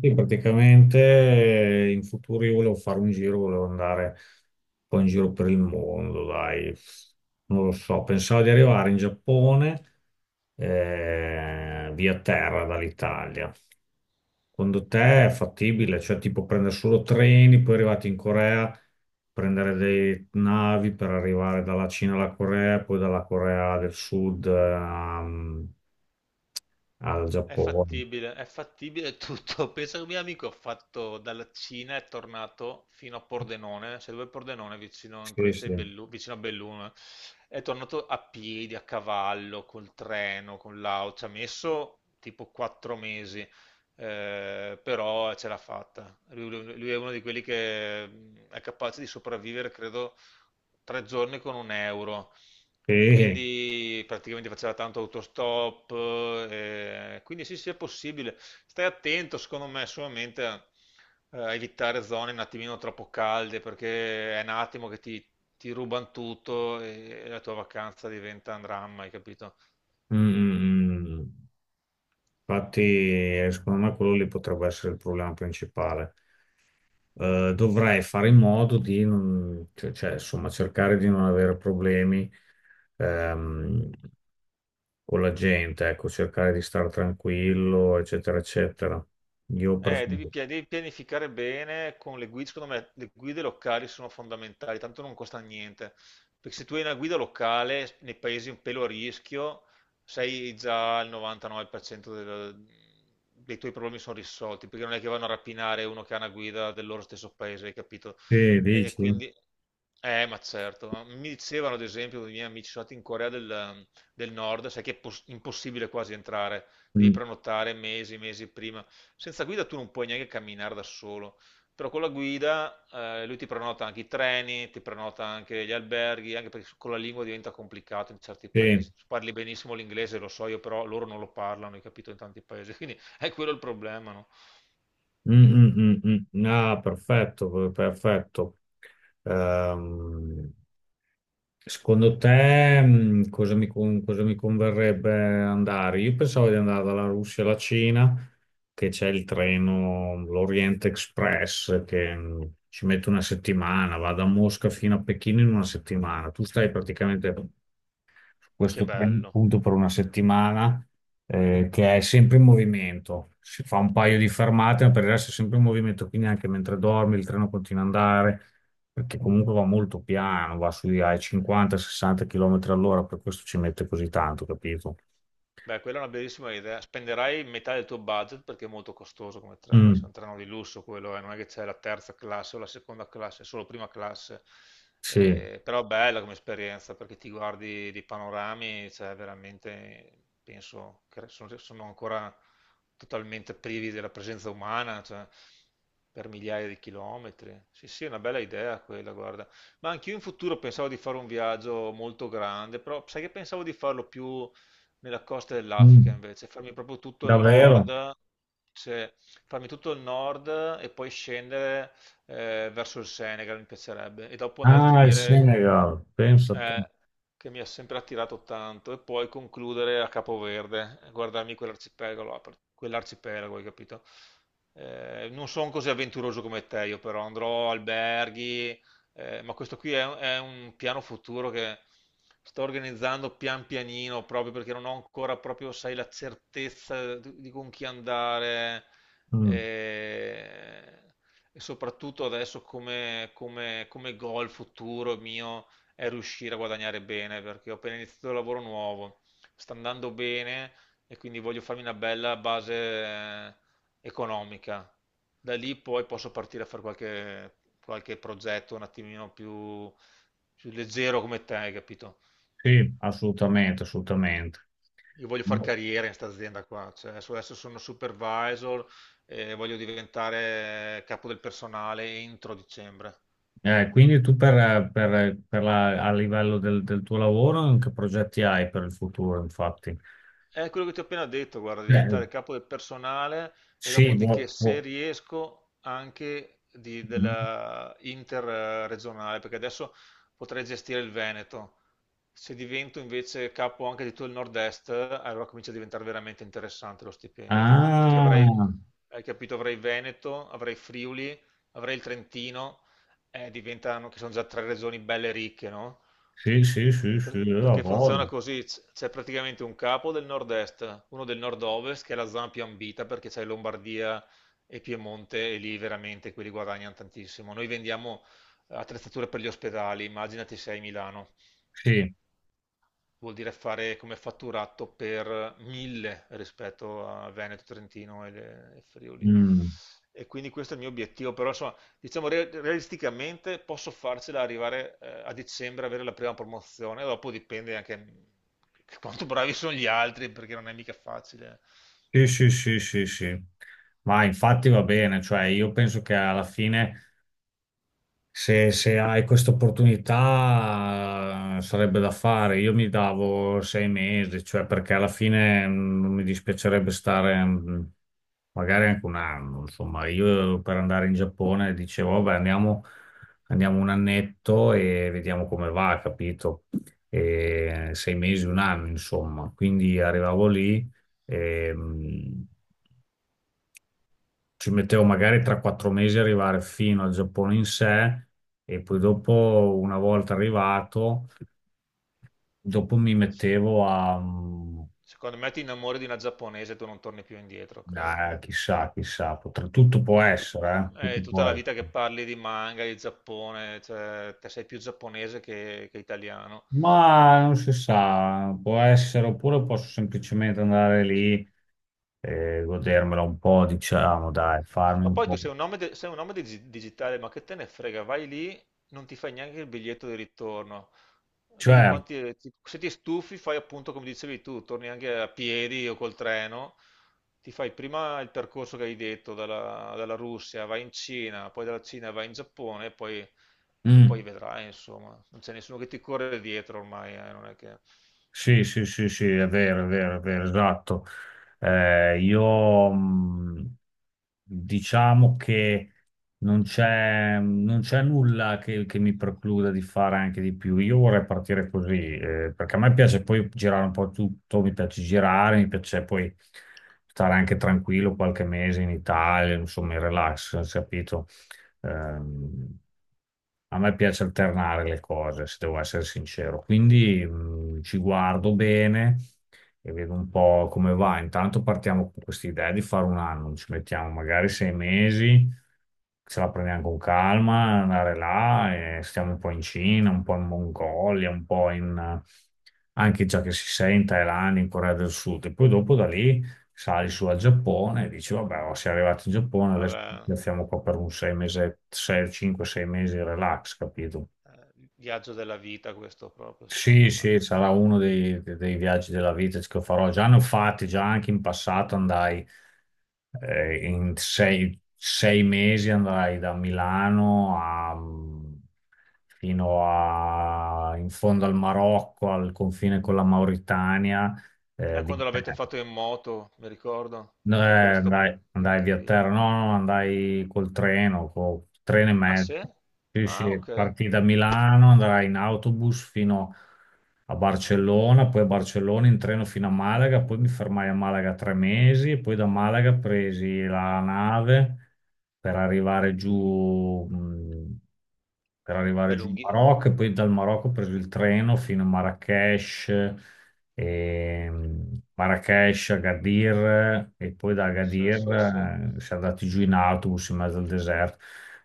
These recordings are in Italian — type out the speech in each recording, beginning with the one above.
Sì, praticamente in futuro io volevo fare un giro, volevo andare un po' in giro per il mondo, dai, non lo so, pensavo di arrivare in Giappone via terra dall'Italia. Secondo te è fattibile? Cioè tipo prendere solo treni, poi arrivati in Corea, prendere dei navi per arrivare dalla Cina alla Corea, poi dalla Corea del Sud al Giappone. È fattibile tutto. Pensa che un mio amico ha fatto dalla Cina, è tornato fino a Pordenone, cioè dove è Pordenone, vicino, in Sì, provincia sì. di Bellu- vicino a Belluno, è tornato a piedi, a cavallo, col treno, con l'auto, ci ha messo tipo quattro mesi, però ce l'ha fatta. Lui è uno di quelli che è capace di sopravvivere, credo, tre giorni con un euro. E Sì. quindi praticamente faceva tanto autostop, quindi sì, sì, è possibile. Stai attento, secondo me, solamente a a evitare zone un attimino troppo calde, perché è un attimo che ti rubano tutto e la tua vacanza diventa un dramma, hai capito? Mm, mm, mm, mm. Infatti, secondo me quello lì potrebbe essere il problema principale. Dovrei fare in modo di non, insomma, cercare di non avere problemi ehm, con la gente, ecco, cercare di stare tranquillo, eccetera, eccetera. Io preferisco. Devi pianificare bene con le guide, secondo me le guide locali sono fondamentali, tanto non costa niente, perché se tu hai una guida locale nei paesi un pelo a rischio, sei già al 99% dei tuoi problemi sono risolti, perché non è che vanno a rapinare uno che ha una guida del loro stesso paese, hai capito? Sì, E dici? quindi, ma certo, ma mi dicevano ad esempio, i miei amici sono andati in del Nord, sai che è impossibile quasi entrare. Devi Mm, prenotare mesi, mesi prima. Senza guida tu non puoi neanche camminare da solo. Però con la guida lui ti prenota anche i treni, ti prenota anche gli alberghi, anche perché con la lingua diventa complicato in certi sì. paesi. Tu parli benissimo l'inglese, lo so io, però loro non lo parlano, hai capito, in tanti paesi. Quindi è quello il problema, no? Mm, mm, mm, mm. Ah, perfetto, perfetto. Ehm, Secondo te, cosa mi converrebbe andare? Io pensavo di andare dalla Russia alla Cina, che c'è il treno, l'Orient Express, che ci mette una settimana, va da Mosca fino a Pechino in una settimana. Tu stai praticamente Che questo trend bello. appunto per una settimana che è sempre in movimento. Si fa un paio di fermate, ma per il resto è sempre in movimento, quindi anche mentre dormi il treno continua ad andare, perché comunque va molto piano, va sui ai 50-60 km all'ora, per questo ci mette così tanto, capito? Beh, quella è una bellissima idea. Spenderai metà del tuo budget perché è molto costoso come treno, Mm, cioè un treno di lusso quello, non è che c'è la terza classe o la seconda classe, è solo prima classe. sì. Però bella come esperienza perché ti guardi di panorami, cioè veramente penso che sono, sono ancora totalmente privi della presenza umana, cioè, per migliaia di chilometri. Sì, sì, è una bella idea quella, guarda. Ma anch'io in futuro pensavo di fare un viaggio molto grande, però sai che pensavo di farlo più nella costa dell'Africa Mm, invece, farmi proprio tutto il davvero? nord, cioè farmi tutto il nord e poi scendere verso il Senegal mi piacerebbe e dopo andare a Ah, il finire Senegal, pensa a te. eh, che mi ha sempre attirato tanto, e poi concludere a Capoverde, guardarmi quell'arcipelago, hai capito? Non sono così avventuroso come te, io però andrò alberghi, ma questo qui è un piano futuro che sto organizzando pian pianino, proprio perché non ho ancora proprio, sai, la certezza di con chi andare. Mm, eh, E soprattutto adesso come goal futuro mio, è riuscire a guadagnare bene, perché ho appena iniziato il lavoro nuovo, sta andando bene e quindi voglio farmi una bella base economica. Da lì poi posso partire a fare qualche progetto un attimino più leggero come te, hai capito? sì, assolutamente, assolutamente. Io voglio fare carriera in questa azienda qua, cioè, adesso sono supervisor e voglio diventare capo del personale entro dicembre. Quindi tu a livello del, del tuo lavoro, che progetti hai per il futuro, infatti? È quello che ti ho appena detto, guarda, Eh, diventare capo del personale e sì, dopodiché boh, se boh. riesco anche della interregionale, perché adesso potrei gestire il Veneto. Se divento invece capo anche di tutto il nord-est, allora comincia a diventare veramente interessante lo stipendio, perché avrei, Ah, hai capito, avrei Veneto, avrei Friuli, avrei il Trentino, diventano, che sono già tre regioni belle ricche, no? sì, sì, sì, sì, io la Perché funziona voglio. così, c'è praticamente un capo del nord-est, uno del nord-ovest che è la zona più ambita perché c'è Lombardia e Piemonte e lì veramente quelli guadagnano tantissimo. Noi vendiamo attrezzature per gli ospedali, immaginati se sei a Milano Sì. vuol dire fare come fatturato per mille rispetto a Veneto, Trentino e Friuli. Mm. E quindi questo è il mio obiettivo, però insomma, diciamo realisticamente posso farcela arrivare a dicembre, avere la prima promozione, dopo dipende anche che quanto bravi sono gli altri, perché non è mica facile. Sì, sì, sì, sì, sì. Ma infatti va bene, cioè io penso che alla fine se, se hai questa opportunità sarebbe da fare. Io mi davo 6 mesi, cioè perché alla fine mm, non mi dispiacerebbe stare mm, magari anche 1 anno. Insomma, io per andare in Giappone dicevo, vabbè, andiamo, andiamo un annetto e vediamo come va, capito? E sei mesi, 1 anno, insomma. Quindi arrivavo lì, ci mettevo magari 3-4 mesi a arrivare fino al Giappone in sé e poi dopo, una volta arrivato, dopo mi S- mettevo a mm, Secondo me ti innamori di una giapponese e tu non torni più indietro, credimi. a chissà, chissà, tutto può Eh, tut- essere, eh. Tutto è tutta può la essere. vita che parli di manga, di Giappone, cioè, te sei più giapponese che italiano. Ma non si sa, può essere, oppure posso semplicemente andare lì e godermela un po', diciamo, Ma, dai, farmi ma un poi tu po'. sei un nome, sei un nome digitale, ma che te ne frega? Vai lì, non ti fai neanche il biglietto di ritorno. Vedi Cioè, quanti... Se ti stufi, fai appunto come dicevi tu, torni anche a piedi o col treno. Ti fai prima il percorso che hai detto, dalla Russia, vai in Cina, poi dalla Cina vai in Giappone, e mm. poi vedrai, insomma. Non c'è nessuno che ti corre dietro ormai, non è che... Sì, sì, sì, sì, è vero, è vero, è vero, esatto. Io diciamo che non c'è nulla che mi precluda di fare anche di più. Io vorrei partire così, perché a me piace poi girare un po' tutto, mi piace girare, mi piace poi stare anche tranquillo qualche mese in Italia, insomma, in relax, capito? Ehm, a me piace alternare le cose, se devo essere sincero. Quindi ci guardo bene e vedo un po' come va. Intanto partiamo con questa idea di fare un anno, ci mettiamo magari 6 mesi, ce la prendiamo con calma, andare là, e stiamo un po' in Cina, un po' in Mongolia, un po' in, anche già che si sente in Thailandia, in Corea del Sud. E poi dopo da lì sali su al Giappone e dici, vabbè, oh, siamo arrivati in Giappone, adesso ci Vabbè, piazziamo qua per un 6 mesi, sei, cinque, sei mesi, relax, capito? Il viaggio della vita questo proprio, secondo Sì, me. sì, sarà uno dei, dei viaggi della vita che farò. Già ne ho fatti, già anche in passato andai in sei mesi andai da Milano mm, fino a, in fondo al Marocco, al confine con la Mauritania, eh, vi- Quando l'avete fatto in moto, mi ricordo. no, Quella è stata andai via terra, incredibile. no, no, andai col treno e Ah, mezzo. sì? Sì, Ah, sì, ok. partì da Milano, andrai in autobus fino a Barcellona, poi a Barcellona in treno fino a Malaga, poi mi fermai a Malaga 3 mesi, e poi da Malaga presi la nave per arrivare giù, mh, per arrivare Beh, giù in lunghi. Marocco e poi dal Marocco ho preso il treno fino a Marrakech e Marrakesh, Agadir e poi da Sì, Agadir sì, sì. Si è andati giù in autobus in mezzo al deserto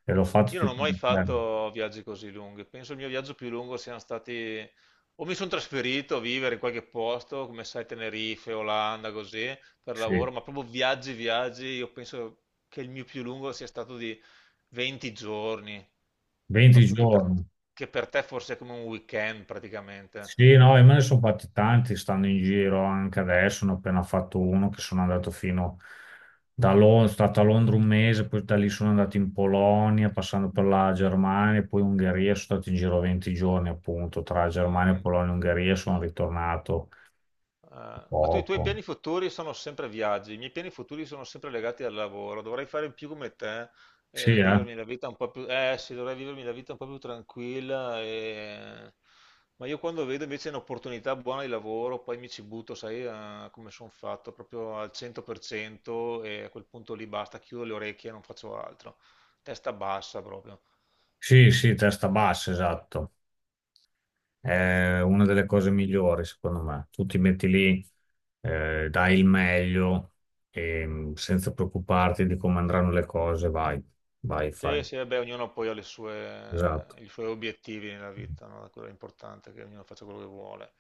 e l'ho fatto Io non ho tutto mai l'inverno. fatto viaggi così lunghi. Penso il mio viaggio più lungo siano stati... O mi sono trasferito a vivere in qualche posto, come sai, Tenerife, Olanda, così, per Sì, lavoro, ma proprio viaggi, io penso che il mio più lungo sia stato di 20 giorni, 20 proprio giorni. che per te forse è come un weekend praticamente. Sì, no, e me ne sono fatti tanti, stanno in giro anche adesso, ne ho appena fatto uno che sono andato fino da Londra, stato a Londra 1 mese, poi da lì sono andato in Polonia, passando per la Germania, poi Ungheria, sono stato in giro 20 giorni appunto, tra Germania, Mm. Polonia e Ungheria sono ritornato Ah, ma tu i tuoi poco. piani futuri sono sempre viaggi, i miei piani futuri sono sempre legati al lavoro. Dovrei fare più come te, Sì, eh. vivermi la vita un po' più, eh sì, dovrei vivermi la vita un po' più tranquilla. Ma io quando vedo invece un'opportunità buona di lavoro, poi mi ci butto, sai, come sono fatto, proprio al 100% e a quel punto lì basta, chiudo le orecchie e non faccio altro. Testa bassa proprio. Sì, sì, testa bassa, esatto. È una delle cose migliori, secondo me. Tu ti metti lì, dai il meglio, e, senza preoccuparti di come andranno le cose, vai, vai, fai. Sì, sì, vabbè, ognuno poi ha Esatto. i suoi obiettivi nella vita, no? Quello è importante, che ognuno faccia quello che vuole.